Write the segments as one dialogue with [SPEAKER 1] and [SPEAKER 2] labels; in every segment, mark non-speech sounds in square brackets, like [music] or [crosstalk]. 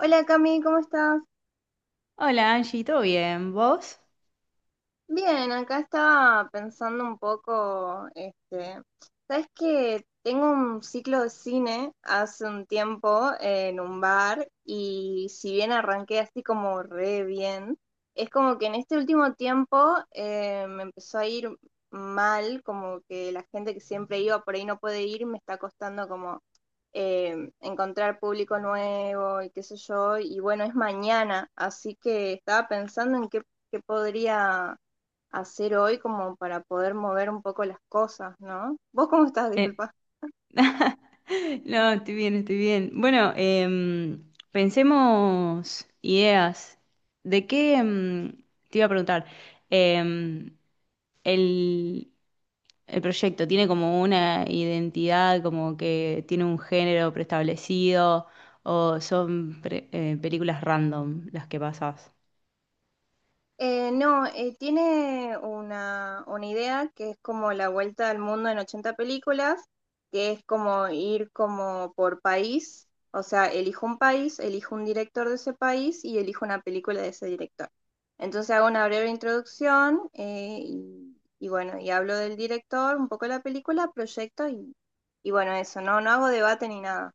[SPEAKER 1] Hola Cami, ¿cómo estás?
[SPEAKER 2] Hola Angie, ¿todo bien? ¿Vos?
[SPEAKER 1] Bien, acá estaba pensando un poco, sabes que tengo un ciclo de cine hace un tiempo en un bar y si bien arranqué así como re bien, es como que en este último tiempo me empezó a ir mal, como que la gente que siempre iba por ahí no puede ir, me está costando como encontrar público nuevo y qué sé yo, y bueno, es mañana, así que estaba pensando en qué, qué podría hacer hoy como para poder mover un poco las cosas, ¿no? ¿Vos cómo estás?
[SPEAKER 2] Eh,
[SPEAKER 1] Disculpa.
[SPEAKER 2] [laughs] No, estoy bien, estoy bien. Bueno, pensemos ideas. ¿De qué te iba a preguntar? Em, el, el proyecto tiene como una identidad, como que tiene un género preestablecido, o son películas random las que pasas.
[SPEAKER 1] No, tiene una idea que es como la vuelta al mundo en 80 películas, que es como ir como por país, o sea, elijo un país, elijo un director de ese país y elijo una película de ese director. Entonces hago una breve introducción y bueno, y hablo del director, un poco de la película, proyecto y bueno, eso, no, no hago debate ni nada.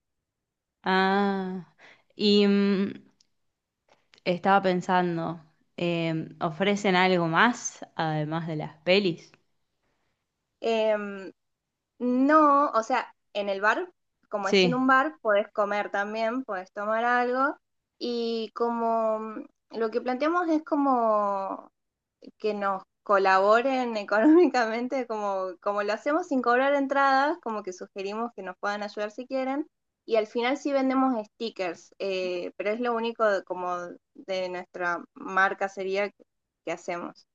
[SPEAKER 2] Ah, y estaba pensando, eh, ¿ofrecen algo más además de las pelis?
[SPEAKER 1] Em, No, o sea, en el bar, como es en
[SPEAKER 2] Sí,
[SPEAKER 1] un bar, podés comer también, podés tomar algo. Y como lo que planteamos es como que nos colaboren [laughs] económicamente, como, como lo hacemos sin cobrar entradas, como que sugerimos que nos puedan ayudar si quieren. Y al final sí vendemos stickers, pero es lo único como de nuestra marca sería que hacemos.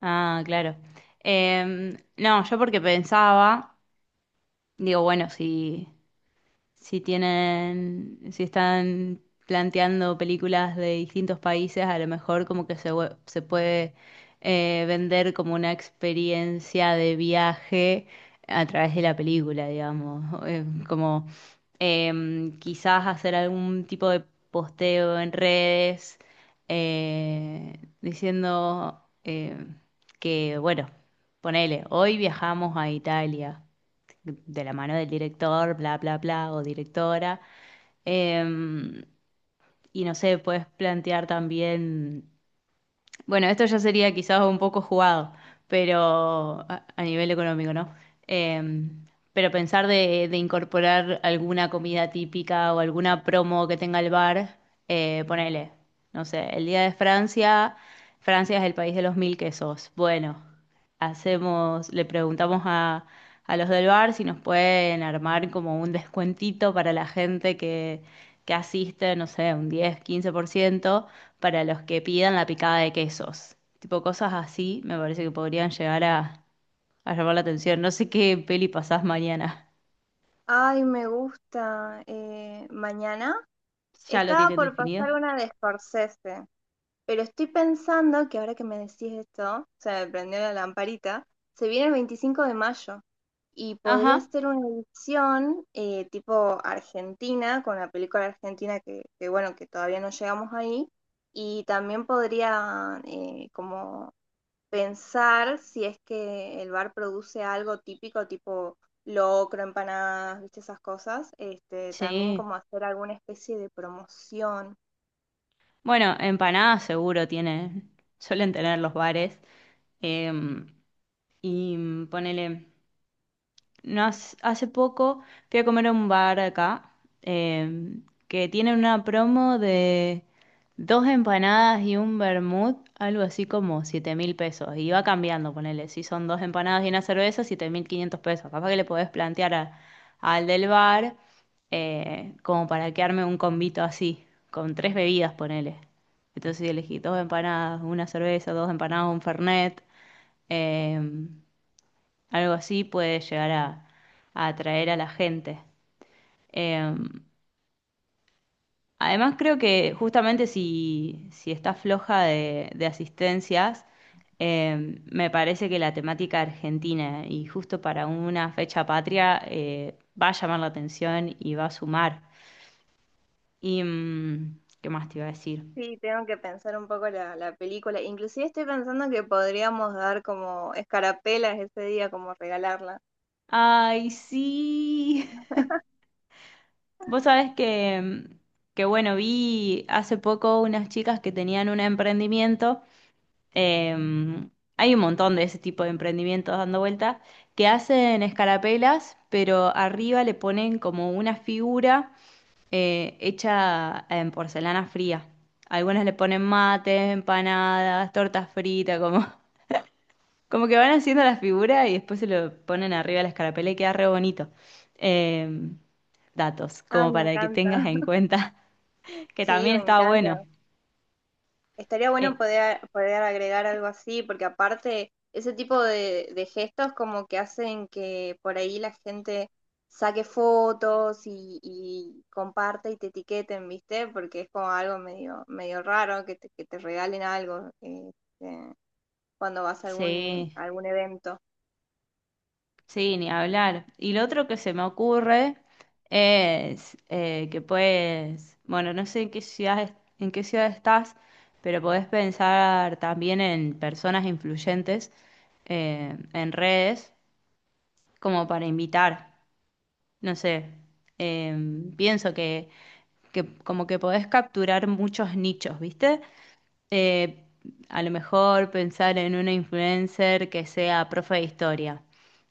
[SPEAKER 2] ah, claro. No, yo porque pensaba, digo, bueno, si tienen, si están planteando películas de distintos países, a lo mejor como que se, se puede, vender como una experiencia de viaje a través de la película, digamos. [laughs] Como quizás hacer algún tipo de posteo en redes, diciendo, que, bueno, ponele, hoy viajamos a Italia de la mano del director, bla, bla, bla, o directora. Em, y no sé, puedes plantear también, bueno, esto ya sería quizás un poco jugado, pero a nivel económico, ¿no? Eh, pero pensar de incorporar alguna comida típica o alguna promo que tenga el bar, ponele, no sé, el Día de Francia. Francia es el país de los mil quesos. Bueno, hacemos, le preguntamos a los del bar si nos pueden armar como un descuentito para la gente que asiste, no sé, un 10-15% para los que pidan la picada de quesos. Tipo cosas así me parece que podrían llegar a llamar la atención. No sé qué peli pasás mañana.
[SPEAKER 1] Ay, me gusta. Mañana.
[SPEAKER 2] [laughs] ¿Ya lo
[SPEAKER 1] Estaba
[SPEAKER 2] tienen
[SPEAKER 1] por
[SPEAKER 2] definido?
[SPEAKER 1] pasar una de Scorsese, pero estoy pensando que ahora que me decís esto, se me prendió la lamparita, se viene el 25 de mayo y podría
[SPEAKER 2] Ajá,
[SPEAKER 1] ser una edición tipo argentina, con la película argentina que, bueno, que todavía no llegamos ahí, y también podría como pensar si es que el bar produce algo típico, tipo locro, empanadas, viste esas cosas, también
[SPEAKER 2] sí.
[SPEAKER 1] como hacer alguna especie de promoción.
[SPEAKER 2] Bueno, empanadas seguro tienen, suelen tener los bares. Em, y ponele. No, hace poco fui a comer a un bar acá, que tiene una promo de dos empanadas y un vermut, algo así como 7.000 pesos. Y va cambiando, ponele. Si son dos empanadas y una cerveza, 7.500 pesos. Capaz que le podés plantear al del bar, como para que arme un combito así, con tres bebidas, ponele. Entonces elegí dos empanadas, una cerveza, dos empanadas, un fernet. em, Algo así puede llegar a atraer a la gente. Eh, Además, creo que justamente si está floja de asistencias, me parece que la temática argentina y justo para una fecha patria, va a llamar la atención y va a sumar. Y, ¿qué más te iba a decir?
[SPEAKER 1] Sí, tengo que pensar un poco la película. Inclusive estoy pensando que podríamos dar como escarapelas ese día, como regalarla.
[SPEAKER 2] Ay, sí. [laughs] Vos sabés que, bueno, vi hace poco unas chicas que tenían un emprendimiento. Eh, Hay un montón de ese tipo de emprendimientos dando vueltas que hacen escarapelas, pero arriba le ponen como una figura, hecha en porcelana fría. Algunas le ponen mates, empanadas, tortas fritas, como, [laughs] como que van haciendo la figura y después se lo ponen arriba a la escarapela y queda re bonito. Eh, Datos,
[SPEAKER 1] Ah,
[SPEAKER 2] como
[SPEAKER 1] me
[SPEAKER 2] para que
[SPEAKER 1] encanta.
[SPEAKER 2] tengas en
[SPEAKER 1] [laughs]
[SPEAKER 2] cuenta. [laughs] Que
[SPEAKER 1] Sí,
[SPEAKER 2] también
[SPEAKER 1] me
[SPEAKER 2] está bueno.
[SPEAKER 1] encanta. Estaría bueno
[SPEAKER 2] Eh,
[SPEAKER 1] poder, poder agregar algo así, porque aparte ese tipo de gestos como que hacen que por ahí la gente saque fotos y comparte y te etiqueten, ¿viste? Porque es como algo medio, medio raro que que te regalen algo cuando vas
[SPEAKER 2] sí.
[SPEAKER 1] a algún evento.
[SPEAKER 2] Sí, ni hablar. Y lo otro que se me ocurre es, que puedes, bueno, no sé en qué ciudad, en qué ciudad estás, pero podés pensar también en personas influyentes, en redes como para invitar. No sé, eh, pienso que como que podés capturar muchos nichos, ¿viste? Eh, a lo mejor pensar en una influencer que sea profe de historia,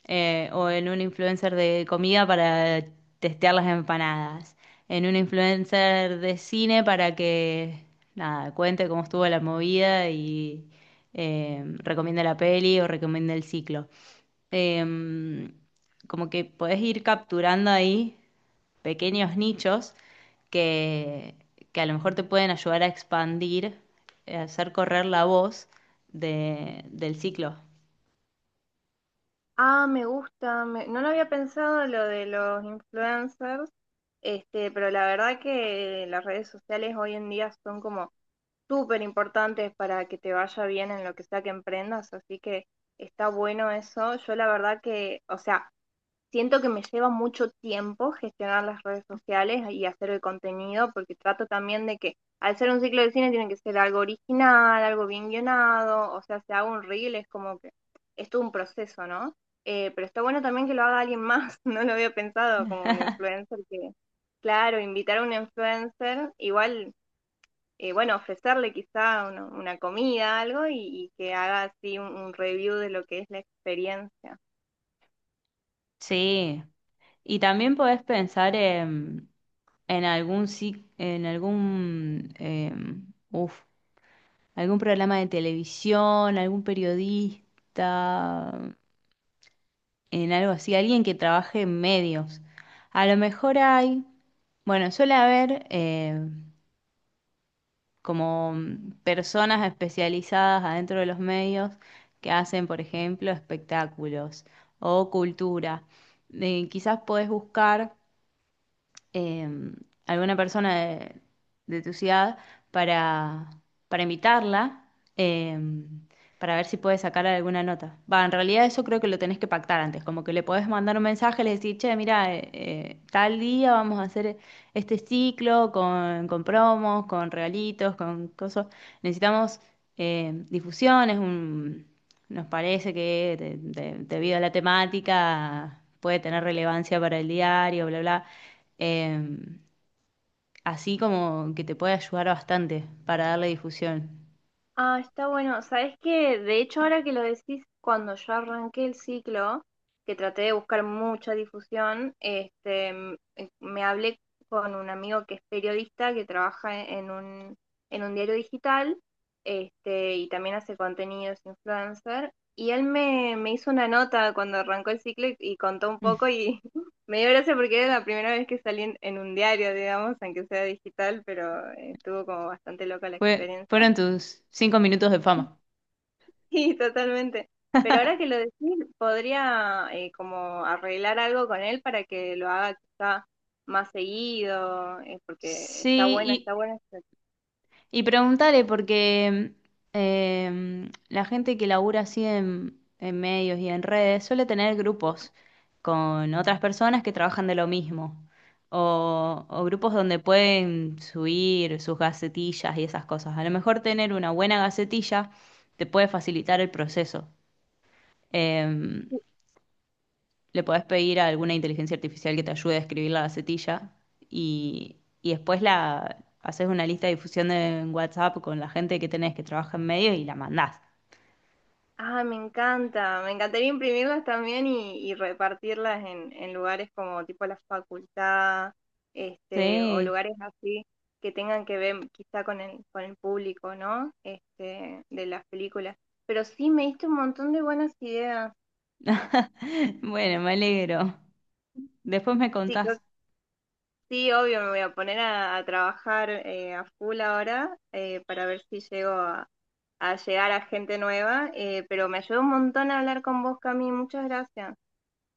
[SPEAKER 2] o en un influencer de comida para testear las empanadas, en un influencer de cine para que nada, cuente cómo estuvo la movida y, recomiende la peli o recomiende el ciclo. Eh, Como que podés ir capturando ahí pequeños nichos que, que a lo mejor te pueden ayudar a expandir, hacer correr la voz del ciclo.
[SPEAKER 1] Ah, me gusta, no lo había pensado lo de los influencers, pero la verdad que las redes sociales hoy en día son como súper importantes para que te vaya bien en lo que sea que emprendas, así que está bueno eso. Yo la verdad que, o sea, siento que me lleva mucho tiempo gestionar las redes sociales y hacer el contenido, porque trato también de que al ser un ciclo de cine tiene que ser algo original, algo bien guionado, o sea, si hago un reel es como que es todo un proceso, ¿no? Pero está bueno también que lo haga alguien más, [laughs] no lo había pensado como un influencer que... Claro, invitar a un influencer, igual bueno, ofrecerle quizá una comida, algo, y que haga así un review de lo que es la experiencia.
[SPEAKER 2] Sí, y también podés pensar en algún, en algún, uf, algún programa de televisión, algún periodista, en algo así, alguien que trabaje en medios. A lo mejor hay, bueno, suele haber, como personas especializadas adentro de los medios que hacen, por ejemplo, espectáculos o cultura. Quizás podés buscar, eh, alguna persona de tu ciudad, para, para invitarla, eh, para ver si puede sacar alguna nota. Va, en realidad eso creo que lo tenés que pactar antes, como que le podés mandar un mensaje, le decís, che, mira, tal día vamos a hacer este ciclo con promos, con regalitos, con cosas. Necesitamos, difusiones, un... Nos parece que debido a la temática puede tener relevancia para el diario, bla, bla. Eh, Así como que te puede ayudar bastante para darle difusión.
[SPEAKER 1] Ah, está bueno. Sabes que, de hecho, ahora que lo decís, cuando yo arranqué el ciclo, que traté de buscar mucha difusión, me hablé con un amigo que es periodista, que trabaja en en un diario digital, este, y también hace contenidos influencer. Y él me, me hizo una nota cuando arrancó el ciclo y contó un
[SPEAKER 2] Mm.
[SPEAKER 1] poco y [laughs] me dio gracia porque era la primera vez que salí en un diario, digamos, aunque sea digital, pero estuvo como bastante loca la experiencia.
[SPEAKER 2] Fueron tus cinco minutos de fama.
[SPEAKER 1] Sí, totalmente. Pero ahora que lo decís, podría como arreglar algo con él para que lo haga quizá más seguido, porque
[SPEAKER 2] Sí,
[SPEAKER 1] está buena,
[SPEAKER 2] y,
[SPEAKER 1] está buena.
[SPEAKER 2] y preguntaré porque, la gente que labura así en medios y en redes suele tener grupos con otras personas que trabajan de lo mismo. O grupos donde pueden subir sus gacetillas y esas cosas. A lo mejor tener una buena gacetilla te puede facilitar el proceso. Eh, Le podés pedir a alguna inteligencia artificial que te ayude a escribir la gacetilla y, después la haces una lista de difusión en WhatsApp con la gente que tenés que trabaja en medio y la mandás.
[SPEAKER 1] Ah, me encanta. Me encantaría imprimirlas también y repartirlas en lugares como tipo la facultad, o
[SPEAKER 2] Sí.
[SPEAKER 1] lugares así que tengan que ver quizá con el público, ¿no? Este, de las películas. Pero sí, me diste un montón de buenas ideas.
[SPEAKER 2] [laughs] Bueno, me alegro. Después me
[SPEAKER 1] Sí, creo
[SPEAKER 2] contás.
[SPEAKER 1] Sí, obvio, me voy a poner a trabajar a full ahora para ver si llego a llegar a gente nueva, pero me ayudó un montón a hablar con vos, Cami, muchas gracias.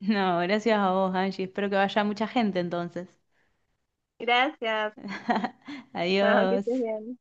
[SPEAKER 2] No, gracias a vos, Angie. Espero que vaya mucha gente entonces.
[SPEAKER 1] Gracias,
[SPEAKER 2] [laughs]
[SPEAKER 1] [laughs] chao, que
[SPEAKER 2] Adiós.
[SPEAKER 1] estés bien.